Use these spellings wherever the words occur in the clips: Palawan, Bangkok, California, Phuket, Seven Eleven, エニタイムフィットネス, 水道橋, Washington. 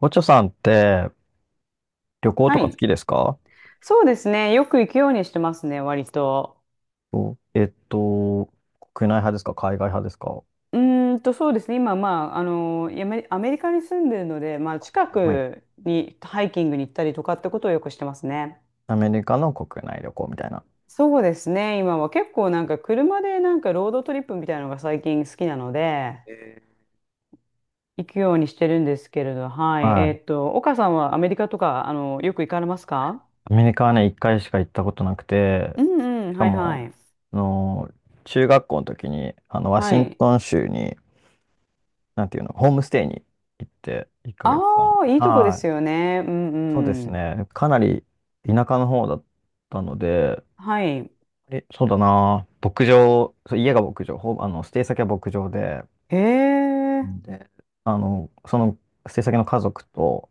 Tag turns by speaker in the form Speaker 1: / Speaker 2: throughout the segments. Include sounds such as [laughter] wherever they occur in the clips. Speaker 1: おちょさんって旅行と
Speaker 2: は
Speaker 1: か好
Speaker 2: い。
Speaker 1: きですか？
Speaker 2: そうですね。よく行くようにしてますね、割と。
Speaker 1: そう、国内派ですか海外派ですか？
Speaker 2: そうですね。今、アメリカに住んでるので、近
Speaker 1: はい。
Speaker 2: くにハイキングに行ったりとかってことをよくしてますね。
Speaker 1: アメリカの国内旅行みたいな。
Speaker 2: そうですね。今は結構なんか車でなんかロードトリップみたいなのが最近好きなので、行くようにしてるんですけれど、はい。
Speaker 1: はい。
Speaker 2: 岡さんはアメリカとか、よく行かれますか？
Speaker 1: アメリカはね、一回しか行ったことなくて、
Speaker 2: うんうん、
Speaker 1: しか
Speaker 2: はいは
Speaker 1: も、
Speaker 2: い。
Speaker 1: あの、中学校の時に、ワ
Speaker 2: は
Speaker 1: シン
Speaker 2: い。
Speaker 1: トン州に、なんていうの、ホームステイに行って、1ヶ月間。
Speaker 2: ああ、いいとこで
Speaker 1: はい。
Speaker 2: すよね。うん
Speaker 1: そうです
Speaker 2: うん。
Speaker 1: ね。かなり田舎の方だったので、
Speaker 2: はい。
Speaker 1: え、そうだな。牧場、そう家が牧場、ほぼ、ステイ先は牧場で、
Speaker 2: へ
Speaker 1: う
Speaker 2: え。
Speaker 1: んで、その制作の家族と、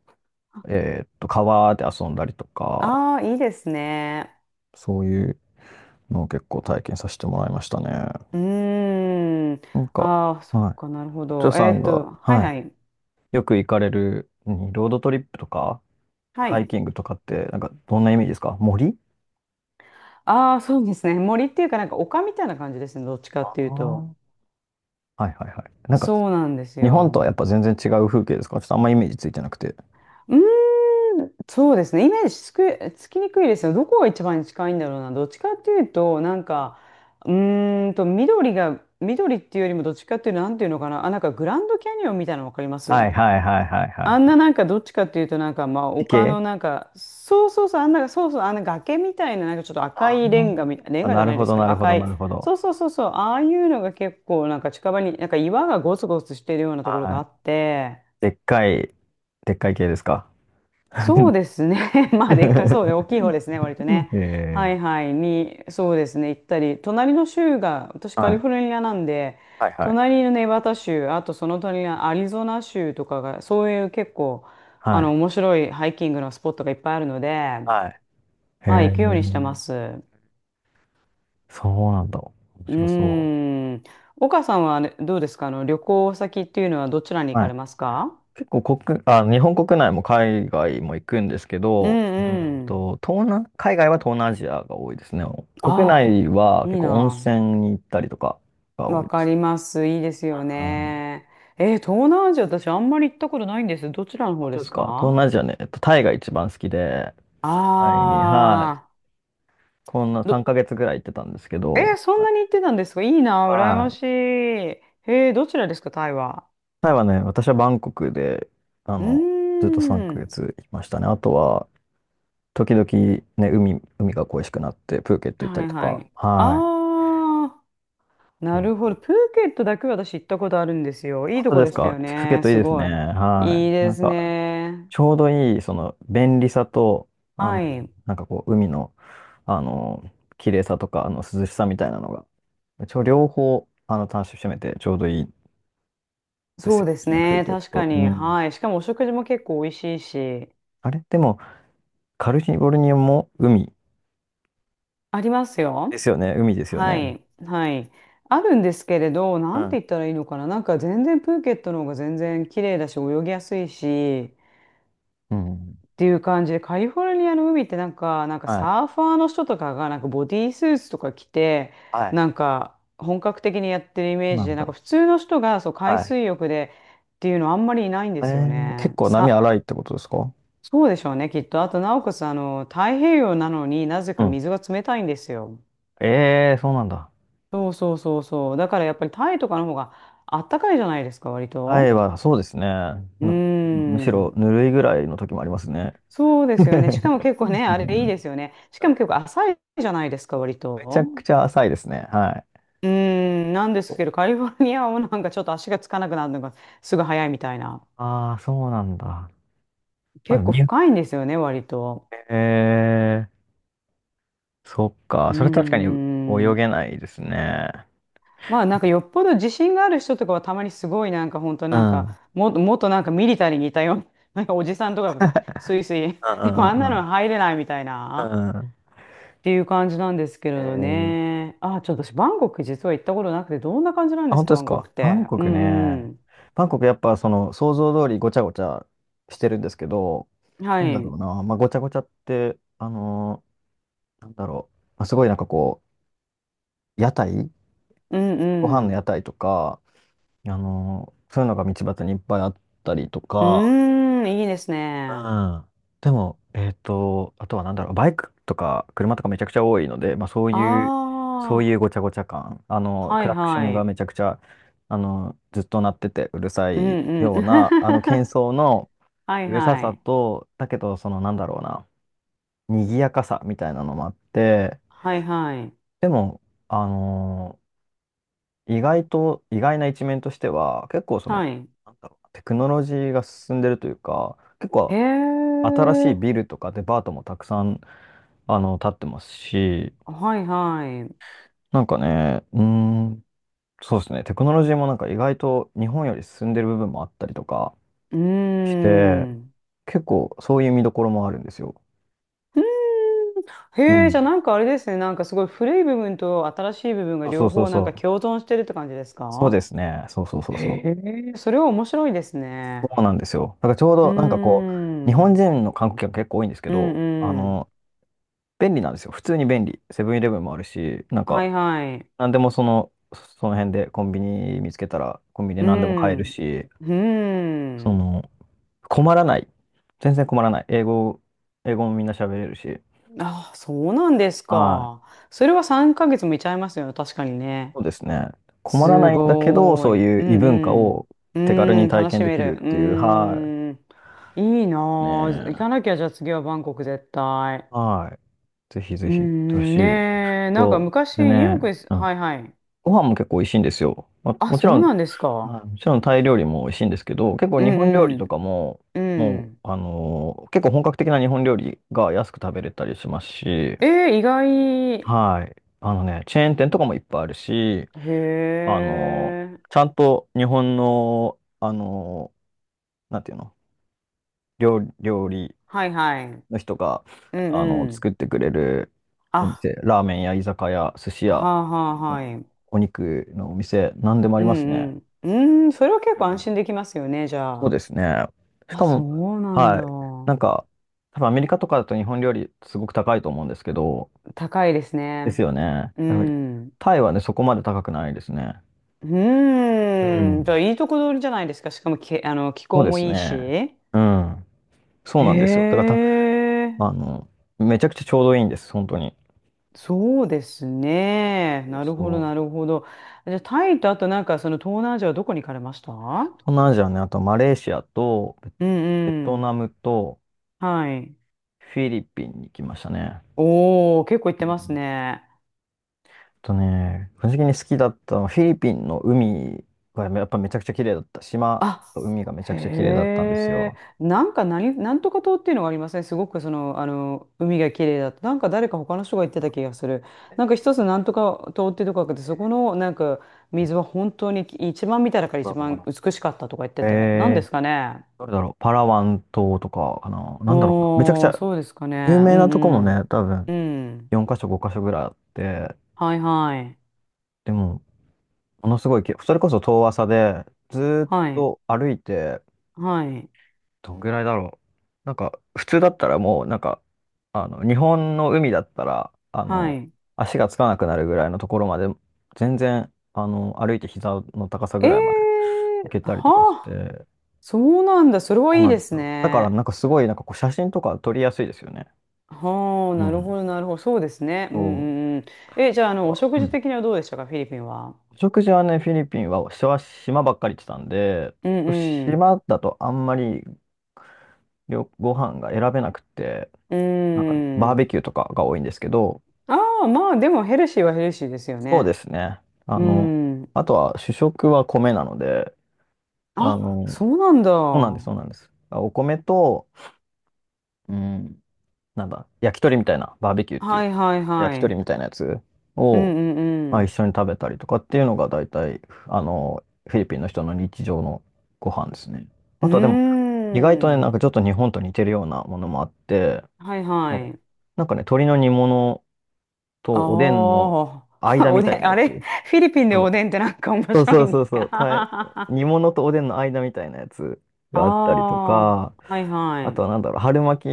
Speaker 1: 川で遊んだりとか、
Speaker 2: ああ、いいですね。
Speaker 1: そういうのを結構体験させてもらいましたね。
Speaker 2: うーん。
Speaker 1: なんか、
Speaker 2: ああ、そっ
Speaker 1: はい。
Speaker 2: か、なるほ
Speaker 1: お嬢
Speaker 2: ど。
Speaker 1: さんが、
Speaker 2: はい
Speaker 1: は
Speaker 2: はい。
Speaker 1: い。よく行かれる、うんロードトリップとか、
Speaker 2: は
Speaker 1: ハイ
Speaker 2: い。
Speaker 1: キングとかって、なんか、どんなイメージですか？森。
Speaker 2: ああ、そうですね。森っていうか、なんか丘みたいな感じですね。どっちか
Speaker 1: あ
Speaker 2: ってい
Speaker 1: あー、
Speaker 2: うと。
Speaker 1: はいはいはい。なんか、
Speaker 2: そうなんです
Speaker 1: 日本
Speaker 2: よ。
Speaker 1: とはやっぱ全然違う風景ですか？ちょっとあんまイメージついてなくて。
Speaker 2: うーん、そうですね。イメージつきにくいですよ。どこが一番近いんだろうな。どっちかっていうと、なんか、緑っていうよりもどっちかっていうと、なんていうのかな。あ、なんかグランドキャニオンみたいなのわかります？
Speaker 1: はいはいはいはい
Speaker 2: あ
Speaker 1: は
Speaker 2: んななんかどっちかっていうとなんかまあ
Speaker 1: い。地
Speaker 2: 丘
Speaker 1: 形、
Speaker 2: のなんかそうそうそうあんなそうそうあんな崖みたいななんかちょっと赤
Speaker 1: あ
Speaker 2: い
Speaker 1: ー。
Speaker 2: レン
Speaker 1: あ、
Speaker 2: ガじ
Speaker 1: な
Speaker 2: ゃ
Speaker 1: る
Speaker 2: ない
Speaker 1: ほ
Speaker 2: です
Speaker 1: ど
Speaker 2: け
Speaker 1: な
Speaker 2: ど
Speaker 1: るほ
Speaker 2: 赤
Speaker 1: どな
Speaker 2: い
Speaker 1: るほど。
Speaker 2: そうそうそうそうああいうのが結構なんか近場になんか岩がゴツゴツしてるようなところが
Speaker 1: は
Speaker 2: あ
Speaker 1: い。
Speaker 2: って、
Speaker 1: でっかい、でっかい系ですか？
Speaker 2: そうですね。[laughs] まあ、でかそうね、大きい方ですね、割とね。
Speaker 1: [laughs] え
Speaker 2: は
Speaker 1: え、
Speaker 2: いはい、そうですね、行ったり、隣の州が、私カ
Speaker 1: は
Speaker 2: リ
Speaker 1: い。
Speaker 2: フォルニアなんで、
Speaker 1: はいはい。
Speaker 2: 隣のネバダ州、あとその隣のアリゾナ州とかが、そういう結構、
Speaker 1: はい。
Speaker 2: 面白いハイキングのスポットがいっぱいあるので、
Speaker 1: はい。へ
Speaker 2: はい、
Speaker 1: え、
Speaker 2: 行くようにしてます。う
Speaker 1: そうなんだ。面白そ
Speaker 2: ーん。岡さんはあれどうですか？旅行先っていうのはどちらに
Speaker 1: う。
Speaker 2: 行
Speaker 1: は
Speaker 2: かれ
Speaker 1: い。
Speaker 2: ますか？
Speaker 1: 結構国、あ、日本国内も海外も行くんですけ
Speaker 2: う
Speaker 1: ど、
Speaker 2: んうん。
Speaker 1: 東南、海外は東南アジアが多いですね。国内
Speaker 2: あ、
Speaker 1: は
Speaker 2: い
Speaker 1: 結
Speaker 2: い
Speaker 1: 構温
Speaker 2: な。
Speaker 1: 泉に行ったりとかが多
Speaker 2: わ
Speaker 1: いで
Speaker 2: か
Speaker 1: す。
Speaker 2: ります。いいです
Speaker 1: あ
Speaker 2: よ
Speaker 1: ー、
Speaker 2: ね。東南アジア、私あんまり行ったことないんです。どちらの
Speaker 1: 本
Speaker 2: 方で
Speaker 1: 当で
Speaker 2: す
Speaker 1: すか？東
Speaker 2: か？
Speaker 1: 南アジアね、タイが一番好きで、タイに、はい。
Speaker 2: あ
Speaker 1: こんな
Speaker 2: ー、
Speaker 1: 3ヶ月ぐらい行ってたんですけ
Speaker 2: え
Speaker 1: ど、
Speaker 2: ー、そんなに行ってたんですか？いいな、羨ま
Speaker 1: はい。
Speaker 2: しい。えー、どちらですか、タイは。
Speaker 1: タイはね、私はバンコクで、あ
Speaker 2: う
Speaker 1: の、
Speaker 2: ー
Speaker 1: ずっと3
Speaker 2: ん。
Speaker 1: ヶ月いましたね。あとは、時々ね、海、海が恋しくなって、プーケット行った
Speaker 2: は
Speaker 1: り
Speaker 2: い
Speaker 1: と
Speaker 2: は
Speaker 1: か。
Speaker 2: い。
Speaker 1: は
Speaker 2: あー、
Speaker 1: い。う
Speaker 2: な
Speaker 1: ん、
Speaker 2: るほど。プーケットだけは私行ったことあるんですよ。いい
Speaker 1: 本
Speaker 2: と
Speaker 1: 当
Speaker 2: こ
Speaker 1: で
Speaker 2: で
Speaker 1: す
Speaker 2: した
Speaker 1: か？
Speaker 2: よ
Speaker 1: プーケッ
Speaker 2: ね。
Speaker 1: トいい
Speaker 2: す
Speaker 1: です
Speaker 2: ご
Speaker 1: ね。
Speaker 2: い。
Speaker 1: は
Speaker 2: いい
Speaker 1: い。な
Speaker 2: で
Speaker 1: ん
Speaker 2: す
Speaker 1: か、
Speaker 2: ね。
Speaker 1: ちょうどいい、その、便利さと、あ
Speaker 2: は
Speaker 1: の、
Speaker 2: い。
Speaker 1: なんかこう、海の、あの、綺麗さとか、涼しさみたいなのが、一応両方、楽しめて、ちょうどいいです
Speaker 2: そう
Speaker 1: よ
Speaker 2: です
Speaker 1: ね、プー
Speaker 2: ね。
Speaker 1: ケッ
Speaker 2: 確か
Speaker 1: ト。う
Speaker 2: に。
Speaker 1: ん。
Speaker 2: はい。しかもお食事も結構美味しいし。
Speaker 1: あれでも、カリフォルニアも海
Speaker 2: あります
Speaker 1: で
Speaker 2: よ。
Speaker 1: すよね。海ですよ
Speaker 2: は
Speaker 1: ね。
Speaker 2: い。はい。あるんですけれど、な
Speaker 1: う
Speaker 2: んて
Speaker 1: ん。
Speaker 2: 言ったらいいのかな。なんか全然プーケットの方が全然綺麗だし、泳ぎやすいし、
Speaker 1: うん。
Speaker 2: っていう感じで、カリフォルニアの海ってなんか、なんか
Speaker 1: はい。
Speaker 2: サーファーの人とかがなんかボディースーツとか着て、
Speaker 1: はい。
Speaker 2: なんか本格的にやってるイメー
Speaker 1: な
Speaker 2: ジ
Speaker 1: ん
Speaker 2: で、なん
Speaker 1: だ。
Speaker 2: か普通の人がそう海
Speaker 1: はい。
Speaker 2: 水浴でっていうのあんまりいないんで
Speaker 1: え
Speaker 2: すよ
Speaker 1: ー、
Speaker 2: ね。
Speaker 1: 結構波荒いってことですか？
Speaker 2: そうでしょうね、きっと。あと、なおかつ、太平洋なのになぜ
Speaker 1: う
Speaker 2: か
Speaker 1: ん。
Speaker 2: 水が冷たいんですよ。
Speaker 1: えー、そうなんだ。
Speaker 2: そうそうそうそう。だからやっぱりタイとかの方があったかいじゃないですか、割
Speaker 1: 荒い
Speaker 2: と。
Speaker 1: は、そうですね。
Speaker 2: う
Speaker 1: ぬ、
Speaker 2: ー
Speaker 1: むしろ
Speaker 2: ん。
Speaker 1: ぬるいぐらいの時もありますね。
Speaker 2: そうですよね。しか
Speaker 1: [laughs]
Speaker 2: も結構ね、あ
Speaker 1: う
Speaker 2: れいいで
Speaker 1: ん、
Speaker 2: すよね。しかも結構浅いじゃないですか、割
Speaker 1: めち
Speaker 2: と。
Speaker 1: ゃくちゃ浅いですね。はい。
Speaker 2: うーん。なんですけど、カリフォルニアはなんかちょっと足がつかなくなるのがすぐ早いみたいな。
Speaker 1: ああ、そうなんだ。まあ、
Speaker 2: 結
Speaker 1: でも
Speaker 2: 構
Speaker 1: に、
Speaker 2: 深いんですよね、割と。
Speaker 1: えー、そっ
Speaker 2: う
Speaker 1: か。それ確かに
Speaker 2: ー
Speaker 1: 泳
Speaker 2: ん。
Speaker 1: げないですね。
Speaker 2: まあなんかよっぽど自信がある人とかはたまにすごいなんか本当
Speaker 1: う
Speaker 2: なん
Speaker 1: ん。う
Speaker 2: か
Speaker 1: ん
Speaker 2: もっとなんかミリタリーにいたような、[laughs] なんかおじさんとかがスイスイ、
Speaker 1: う
Speaker 2: [laughs] でもあんな
Speaker 1: ん
Speaker 2: の
Speaker 1: う
Speaker 2: 入れないみたい
Speaker 1: んう
Speaker 2: な
Speaker 1: ん。うん。
Speaker 2: っていう感じなんですけれど
Speaker 1: え、
Speaker 2: ね。あ、ちょっと私バンコク実は行ったことなくて、どんな感じなん
Speaker 1: あ、
Speaker 2: で
Speaker 1: 本
Speaker 2: す
Speaker 1: 当
Speaker 2: か、
Speaker 1: で
Speaker 2: バ
Speaker 1: す
Speaker 2: ンコク
Speaker 1: か。
Speaker 2: っ
Speaker 1: バ
Speaker 2: て。
Speaker 1: ンコ
Speaker 2: う
Speaker 1: クね。
Speaker 2: ん
Speaker 1: バンコクやっぱその想像通りごちゃごちゃしてるんですけど、
Speaker 2: うん。は
Speaker 1: なんだ
Speaker 2: い。
Speaker 1: ろ
Speaker 2: う
Speaker 1: うな。まあごちゃごちゃって、なんだろう。まあ、すごいなんかこう、屋台、
Speaker 2: ん
Speaker 1: ご
Speaker 2: う
Speaker 1: 飯の屋
Speaker 2: ん。
Speaker 1: 台とか、そういうのが道端にいっぱいあったりと
Speaker 2: う
Speaker 1: か、
Speaker 2: ーん、いいです
Speaker 1: う
Speaker 2: ね。
Speaker 1: ん。でも、あとはなんだろう、バイクとか車とかめちゃくちゃ多いので、まあそういう、そうい
Speaker 2: あ
Speaker 1: うごちゃごちゃ感、
Speaker 2: あ、は
Speaker 1: ク
Speaker 2: い
Speaker 1: ラクショ
Speaker 2: は
Speaker 1: ンが
Speaker 2: い。
Speaker 1: めちゃくちゃ、ずっと鳴っててうるさ
Speaker 2: うん
Speaker 1: い
Speaker 2: うん。
Speaker 1: ような、
Speaker 2: [laughs]
Speaker 1: 喧騒の
Speaker 2: はい
Speaker 1: うるさ
Speaker 2: は
Speaker 1: さ
Speaker 2: い。
Speaker 1: と、だけど、そのなんだろうな、賑やかさみたいなのもあって、
Speaker 2: はいはい。
Speaker 1: でも、あの、意外と、意外な一面としては、結構その、
Speaker 2: はい。
Speaker 1: なんだろう、テクノロジーが進んでるというか、結
Speaker 2: へ
Speaker 1: 構新しい
Speaker 2: え。
Speaker 1: ビルとかデパートもたくさん、建ってますし、
Speaker 2: はいはい。う
Speaker 1: なんかね、うーん、そうですね、テクノロジーもなんか意外と日本より進んでる部分もあったりとか
Speaker 2: ー
Speaker 1: して、
Speaker 2: ん。
Speaker 1: 結構そういう見どころもあるんですよ。
Speaker 2: [laughs] うーん。
Speaker 1: う
Speaker 2: へえ、じゃあ
Speaker 1: ん。
Speaker 2: なんかあれですね。なんかすごい古い部分と新しい部分が
Speaker 1: そ
Speaker 2: 両
Speaker 1: うそうそう
Speaker 2: 方なんか
Speaker 1: そう。
Speaker 2: 共存してるって感じです
Speaker 1: そうで
Speaker 2: か？
Speaker 1: すね。そうそうそうそう。
Speaker 2: へえ、それは面白いです
Speaker 1: そ
Speaker 2: ね。
Speaker 1: うなんですよ。だからちょう
Speaker 2: うー
Speaker 1: どなんかこう、日本
Speaker 2: ん。
Speaker 1: 人の観光客結構多いんですけ
Speaker 2: うん
Speaker 1: ど、
Speaker 2: うん。
Speaker 1: 便利なんですよ。普通に便利。セブンイレブンもあるし、なん
Speaker 2: は
Speaker 1: か、
Speaker 2: いはい。
Speaker 1: なんでもその、その辺でコンビニ見つけたら、コンビニで
Speaker 2: う
Speaker 1: 何でも買える
Speaker 2: ん。
Speaker 1: し、
Speaker 2: うー
Speaker 1: そ
Speaker 2: ん。
Speaker 1: の、困らない。全然困らない。英語、英語もみんな喋れるし。
Speaker 2: あ、そうなんです
Speaker 1: はい。
Speaker 2: か。それは3ヶ月もいちゃいますよね。確かにね。
Speaker 1: そうですね。困ら
Speaker 2: す
Speaker 1: ないんだけど、
Speaker 2: ご
Speaker 1: そう
Speaker 2: ーい。
Speaker 1: い
Speaker 2: う
Speaker 1: う異文化
Speaker 2: ん
Speaker 1: を
Speaker 2: う
Speaker 1: 手軽
Speaker 2: ん。う
Speaker 1: に
Speaker 2: ん、
Speaker 1: 体
Speaker 2: 楽し
Speaker 1: 験で
Speaker 2: め
Speaker 1: き
Speaker 2: る。
Speaker 1: るっ
Speaker 2: う
Speaker 1: ていう、は
Speaker 2: ん。いいな
Speaker 1: い。ね
Speaker 2: ぁ。行か
Speaker 1: え。
Speaker 2: なきゃ、じゃあ次はバンコク絶対。
Speaker 1: はい。ぜひぜ
Speaker 2: う
Speaker 1: ひ、行ってほし
Speaker 2: ん、
Speaker 1: い。
Speaker 2: ねえ。なんか
Speaker 1: と、
Speaker 2: 昔、
Speaker 1: で
Speaker 2: ニューヨーク
Speaker 1: ね、
Speaker 2: です。
Speaker 1: うん。
Speaker 2: はいはい。
Speaker 1: ご飯も結構美味しいんですよ。まあ、
Speaker 2: あ、
Speaker 1: もち
Speaker 2: そ
Speaker 1: ろ
Speaker 2: う
Speaker 1: ん、
Speaker 2: なんですか。
Speaker 1: はい、もちろんタイ料理も美味しいんですけど、結構
Speaker 2: う
Speaker 1: 日本料理
Speaker 2: ん
Speaker 1: とかも、
Speaker 2: うん。う
Speaker 1: もう、
Speaker 2: ん。
Speaker 1: 結構本格的な日本料理が安く食べれたりしますし、
Speaker 2: えー、意外。
Speaker 1: はい。あのね、チェーン店とかもいっぱいあるし、
Speaker 2: へ
Speaker 1: あのー
Speaker 2: え。
Speaker 1: ちゃんと日本の、なんていうの、料理、料理
Speaker 2: はいはい。
Speaker 1: の人が、
Speaker 2: うんうん。
Speaker 1: 作ってくれるお
Speaker 2: あ、
Speaker 1: 店、ラーメンや居酒屋、寿司
Speaker 2: は
Speaker 1: 屋、
Speaker 2: あはあ
Speaker 1: う
Speaker 2: は
Speaker 1: ん、
Speaker 2: い。
Speaker 1: お肉のお店、なんでもあ
Speaker 2: う
Speaker 1: ります
Speaker 2: ん
Speaker 1: ね。
Speaker 2: うん。うん、それは結
Speaker 1: う
Speaker 2: 構安
Speaker 1: ん、
Speaker 2: 心できますよね、じゃ
Speaker 1: そう
Speaker 2: あ。
Speaker 1: ですね。し
Speaker 2: あ、
Speaker 1: か
Speaker 2: そ
Speaker 1: も、
Speaker 2: うなんだ。
Speaker 1: はい。なんか、多分アメリカとかだと日本料理すごく高いと思うんですけど、
Speaker 2: 高いです
Speaker 1: です
Speaker 2: ね。
Speaker 1: よね。
Speaker 2: う
Speaker 1: やはり
Speaker 2: ん。
Speaker 1: タイはね、そこまで高くないですね。
Speaker 2: う
Speaker 1: う
Speaker 2: ーん。じ
Speaker 1: ん。
Speaker 2: ゃあ、いいとこ取りじゃないですか。しかもけ、あの、気
Speaker 1: そ
Speaker 2: 候
Speaker 1: うで
Speaker 2: も
Speaker 1: す
Speaker 2: いいし。
Speaker 1: ね。
Speaker 2: へ
Speaker 1: うん。そうなんですよ。だからた、
Speaker 2: え。
Speaker 1: あの、めちゃくちゃちょうどいいんです、本当に。
Speaker 2: そうですね。なるほど、な
Speaker 1: そう。
Speaker 2: るほど。じゃあ、タイと、あとなんか、その東南アジアはどこに行かれました？う
Speaker 1: 東南アジアね、あとマレーシアと
Speaker 2: ん
Speaker 1: ベ
Speaker 2: う
Speaker 1: トナ
Speaker 2: ん。
Speaker 1: ムと
Speaker 2: はい。
Speaker 1: フィリピンに行きましたね。
Speaker 2: おー、結構行っ
Speaker 1: う
Speaker 2: てます
Speaker 1: ん
Speaker 2: ね。
Speaker 1: とね、個人的に好きだったのはフィリピンの海がやっぱめちゃくちゃ綺麗だった。島
Speaker 2: あ、
Speaker 1: と海がめちゃくちゃ綺麗だったんです
Speaker 2: へえ、
Speaker 1: よ。
Speaker 2: なんかなんとか島っていうのがありません？すごくその、海が綺麗だと。なんか誰か他の人が言ってた気がする。なんか一つなんとか島っていうとこがあって、そこのなんか水は本当に一番見た中から
Speaker 1: ど
Speaker 2: 一
Speaker 1: うだろう
Speaker 2: 番
Speaker 1: か
Speaker 2: 美しかったとか言って
Speaker 1: な、
Speaker 2: て。なんで
Speaker 1: え
Speaker 2: す
Speaker 1: ー、
Speaker 2: かね。
Speaker 1: どれだろう、パラワン島とかかな、なんだろうな、めちゃくち
Speaker 2: おー、
Speaker 1: ゃ
Speaker 2: そうですかね。
Speaker 1: 有
Speaker 2: う
Speaker 1: 名なとこも
Speaker 2: ん
Speaker 1: ね、多分
Speaker 2: うん。うん。
Speaker 1: 4箇所、5箇所ぐらいあって、
Speaker 2: はいはい。
Speaker 1: でも、ものすごいき、それこそ遠浅で、ずーっ
Speaker 2: はい。
Speaker 1: と歩いて、
Speaker 2: はい。
Speaker 1: どんぐらいだろう。なんか、普通だったらもう、なんか、日本の海だったら、
Speaker 2: はい。
Speaker 1: 足がつかなくなるぐらいのところまで、全然、歩いて膝の高さぐらいまで
Speaker 2: え
Speaker 1: 行け
Speaker 2: ー、
Speaker 1: たりとかし
Speaker 2: はあ、
Speaker 1: て、
Speaker 2: そうなんだ。それは
Speaker 1: そう
Speaker 2: いい
Speaker 1: なん
Speaker 2: で
Speaker 1: です
Speaker 2: す
Speaker 1: よ。だから、
Speaker 2: ね。
Speaker 1: なんかすごい、なんかこう、写真とか撮りやすいですよね。
Speaker 2: はあ、
Speaker 1: う
Speaker 2: なるほ
Speaker 1: ん。
Speaker 2: ど、なるほど。そうですね。うん
Speaker 1: そ
Speaker 2: うんうん。え、じゃあ、お
Speaker 1: う。
Speaker 2: 食
Speaker 1: う
Speaker 2: 事
Speaker 1: ん。
Speaker 2: 的にはどうでしたか、フィリピンは。
Speaker 1: お食事はね、フィリピンは、島島ばっかり行ってたんで、
Speaker 2: うんうん。
Speaker 1: 島だとあんまりよご飯が選べなくて、
Speaker 2: う
Speaker 1: なんかね、バーベ
Speaker 2: ん。
Speaker 1: キューとかが多いんですけど、
Speaker 2: ああ、まあ、でもヘルシーはヘルシーですよ
Speaker 1: そうで
Speaker 2: ね。
Speaker 1: すね。あ
Speaker 2: う
Speaker 1: の、
Speaker 2: ん。
Speaker 1: あとは主食は米なので、あ
Speaker 2: あ、
Speaker 1: の、
Speaker 2: そうなんだ。
Speaker 1: そうなんです、そ
Speaker 2: は
Speaker 1: うなんです。あ、お米と、うん、なんだ、焼き鳥みたいな、バーベキューっ
Speaker 2: い
Speaker 1: てい
Speaker 2: は
Speaker 1: う、
Speaker 2: いは
Speaker 1: 焼き鳥
Speaker 2: い。
Speaker 1: みたいなやつ
Speaker 2: う
Speaker 1: を、
Speaker 2: ん
Speaker 1: ま
Speaker 2: う
Speaker 1: あ、一
Speaker 2: ん
Speaker 1: 緒に食べたりとかっていうのが大体、フィリピンの人の日常のご飯ですね。
Speaker 2: う
Speaker 1: あとはでも、意外とね、
Speaker 2: ん。
Speaker 1: なん
Speaker 2: うー
Speaker 1: か
Speaker 2: ん。
Speaker 1: ちょっと日本と似てるようなものもあって、
Speaker 2: はいは
Speaker 1: なんか、
Speaker 2: い。
Speaker 1: なんかね、鶏の煮物とおでん
Speaker 2: あ
Speaker 1: の
Speaker 2: あ、[laughs]
Speaker 1: 間
Speaker 2: お
Speaker 1: み
Speaker 2: で
Speaker 1: たいな
Speaker 2: ん、
Speaker 1: や
Speaker 2: あれ
Speaker 1: つ。
Speaker 2: フィリピンで
Speaker 1: そ
Speaker 2: おでん
Speaker 1: う
Speaker 2: ってなんか面
Speaker 1: そう
Speaker 2: 白
Speaker 1: そ
Speaker 2: い
Speaker 1: う
Speaker 2: ん
Speaker 1: そ
Speaker 2: で
Speaker 1: う
Speaker 2: す
Speaker 1: そ
Speaker 2: か？
Speaker 1: う、
Speaker 2: [laughs]
Speaker 1: た、
Speaker 2: あ
Speaker 1: 煮物とおでんの間みたいなやつがあったりと
Speaker 2: あ、
Speaker 1: か、
Speaker 2: はい
Speaker 1: あ
Speaker 2: は
Speaker 1: とは
Speaker 2: い。
Speaker 1: なんだろう、春巻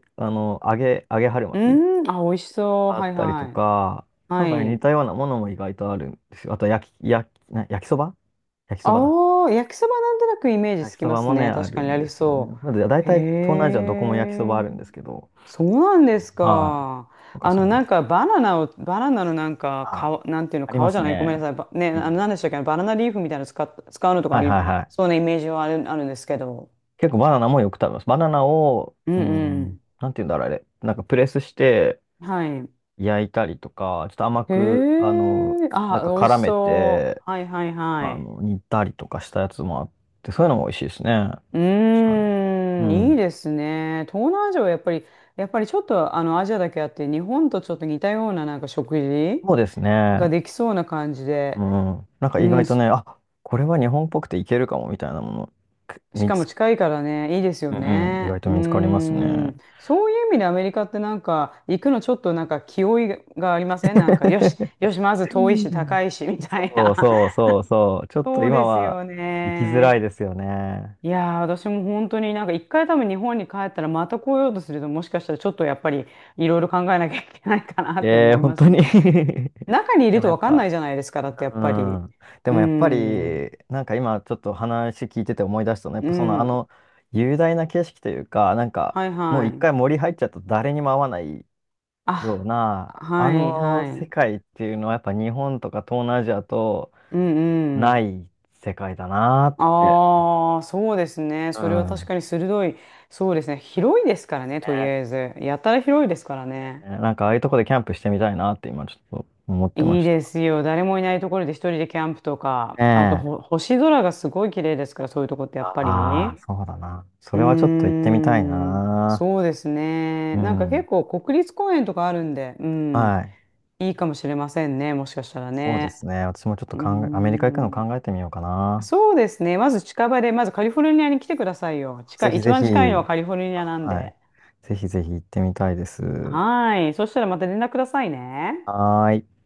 Speaker 1: き、揚げ春
Speaker 2: う
Speaker 1: 巻き
Speaker 2: ーん、あ、美味しそう。
Speaker 1: あっ
Speaker 2: はい
Speaker 1: たりと
Speaker 2: はい。
Speaker 1: か、なん
Speaker 2: は
Speaker 1: かね似
Speaker 2: い。
Speaker 1: たようなものも意外とあるんですよ。あと焼きそば、焼きそばだ。
Speaker 2: ああ、焼きそばなんとなくイメージ
Speaker 1: 焼
Speaker 2: つ
Speaker 1: き
Speaker 2: き
Speaker 1: そ
Speaker 2: ま
Speaker 1: ば
Speaker 2: す
Speaker 1: もね、
Speaker 2: ね。
Speaker 1: あ
Speaker 2: 確か
Speaker 1: る
Speaker 2: にあ
Speaker 1: んで
Speaker 2: り
Speaker 1: すよね。
Speaker 2: そ
Speaker 1: まだい
Speaker 2: う。へ
Speaker 1: たい東南アジアどこも焼きそば
Speaker 2: え、
Speaker 1: あるんですけど、
Speaker 2: そうなんです
Speaker 1: はい。
Speaker 2: か。
Speaker 1: なんかその、
Speaker 2: なんかバナナのなんか、
Speaker 1: あ、
Speaker 2: 皮、なんていうの、
Speaker 1: ありま
Speaker 2: 皮じ
Speaker 1: す
Speaker 2: ゃない、ごめん
Speaker 1: ね。
Speaker 2: なさい。ばね、
Speaker 1: う
Speaker 2: あの、
Speaker 1: ん。
Speaker 2: なんでしたっけ、バナナリーフみたいなの使うのとか
Speaker 1: は
Speaker 2: あ
Speaker 1: い
Speaker 2: り、
Speaker 1: はいは
Speaker 2: そう
Speaker 1: い。
Speaker 2: なイメージはあるんですけど。
Speaker 1: 結構バナナもよく食べます。バナナを、
Speaker 2: う
Speaker 1: うん。
Speaker 2: ん
Speaker 1: ん、
Speaker 2: う
Speaker 1: なんて言うんだろう、あれ。なんかプレスして
Speaker 2: ん。はい。
Speaker 1: 焼いたりとか、ちょっと甘
Speaker 2: へ
Speaker 1: く、
Speaker 2: え、
Speaker 1: なん
Speaker 2: あ、
Speaker 1: か
Speaker 2: 美味し
Speaker 1: 絡め
Speaker 2: そ
Speaker 1: て、
Speaker 2: う。はいはいはい。
Speaker 1: 煮たりとかしたやつもあって、そういうのも美味しいですね。
Speaker 2: う
Speaker 1: 確かに。
Speaker 2: ー
Speaker 1: う
Speaker 2: ん、いい
Speaker 1: ん。
Speaker 2: ですね。東南アジアはやっぱり、ちょっとあのアジアだけあって、日本とちょっと似たようななんか食事
Speaker 1: そうです
Speaker 2: が
Speaker 1: ね。
Speaker 2: できそうな感じで、
Speaker 1: うん。なんか
Speaker 2: う
Speaker 1: 意
Speaker 2: ん、
Speaker 1: 外とね、あ、これは日本っぽくていけるかもみたいなもの、く
Speaker 2: し
Speaker 1: 見
Speaker 2: かも
Speaker 1: つ、
Speaker 2: 近いからね、いいですよ
Speaker 1: うんうん、意外
Speaker 2: ね。
Speaker 1: と
Speaker 2: うー
Speaker 1: 見つかりますね。
Speaker 2: ん、そういう意味でアメリカってなんか行くのちょっとなんか気負いがありません？なんか、よし、
Speaker 1: [laughs]
Speaker 2: よし、まず遠いし高いしみたい
Speaker 1: そう
Speaker 2: な。
Speaker 1: そう
Speaker 2: [laughs]
Speaker 1: そうそう。ちょっと
Speaker 2: そう
Speaker 1: 今
Speaker 2: です
Speaker 1: は
Speaker 2: よ
Speaker 1: 行きづらい
Speaker 2: ね。
Speaker 1: ですよね。
Speaker 2: いやー、私も本当になんか一回多分日本に帰ったらまた来ようとするともしかしたらちょっとやっぱりいろいろ考えなきゃいけないかなって
Speaker 1: ええ
Speaker 2: 思
Speaker 1: ー、
Speaker 2: い
Speaker 1: 本
Speaker 2: ます
Speaker 1: 当に。
Speaker 2: よ。[laughs] 中にい
Speaker 1: [laughs] で
Speaker 2: る
Speaker 1: も
Speaker 2: と
Speaker 1: やっ
Speaker 2: 分かんな
Speaker 1: ぱ、
Speaker 2: いじゃないですか、だってやっ
Speaker 1: う
Speaker 2: ぱり。
Speaker 1: ん。で
Speaker 2: う
Speaker 1: もやっぱ
Speaker 2: ん。
Speaker 1: り、なんか今ちょっと話聞いてて思い出したのは、やっ
Speaker 2: う
Speaker 1: ぱそのあ
Speaker 2: ん。
Speaker 1: の雄大な景色というか、なんか
Speaker 2: はい
Speaker 1: もう
Speaker 2: は
Speaker 1: 一
Speaker 2: い。
Speaker 1: 回森入っちゃうと誰にも会わないよう
Speaker 2: あ、
Speaker 1: な、あ
Speaker 2: はい
Speaker 1: の
Speaker 2: は
Speaker 1: 世
Speaker 2: い。
Speaker 1: 界っていうのはやっぱ日本とか東南アジアと
Speaker 2: うんう
Speaker 1: な
Speaker 2: ん。
Speaker 1: い世界だなって。
Speaker 2: ああ、そうですね。
Speaker 1: う
Speaker 2: それは確
Speaker 1: ん。
Speaker 2: かに鋭い。そうですね。広いですからね、とりあえ
Speaker 1: ね、
Speaker 2: ず。やたら広いですからね。
Speaker 1: なんかああいうとこでキャンプしてみたいなって今ちょっと思ってま
Speaker 2: いい
Speaker 1: した。
Speaker 2: ですよ。誰もいないところで一人でキャンプと
Speaker 1: ね
Speaker 2: か、あと
Speaker 1: え、
Speaker 2: 星空がすごい綺麗ですから、そういうとこってやっぱ
Speaker 1: ああ、
Speaker 2: り。
Speaker 1: そうだな。そ
Speaker 2: うー
Speaker 1: れはちょっと行ってみたい
Speaker 2: ん、
Speaker 1: な。
Speaker 2: そうですね。
Speaker 1: う
Speaker 2: なんか結
Speaker 1: ん。
Speaker 2: 構国立公園とかあるんで、うん、
Speaker 1: はい。
Speaker 2: いいかもしれませんね、もしかしたら
Speaker 1: そうで
Speaker 2: ね。
Speaker 1: すね。私もちょっと
Speaker 2: うー
Speaker 1: 考え、アメリカ行くの
Speaker 2: ん、
Speaker 1: 考えてみようかな。
Speaker 2: そうですね。まず近場で、まずカリフォルニアに来てくださいよ。
Speaker 1: ぜひ
Speaker 2: 一
Speaker 1: ぜ
Speaker 2: 番
Speaker 1: ひ。
Speaker 2: 近いのはカリフォルニアなん
Speaker 1: はい。
Speaker 2: で。
Speaker 1: ぜひぜひ行ってみたいです。
Speaker 2: はい。そしたらまた連絡くださいね。
Speaker 1: はーい。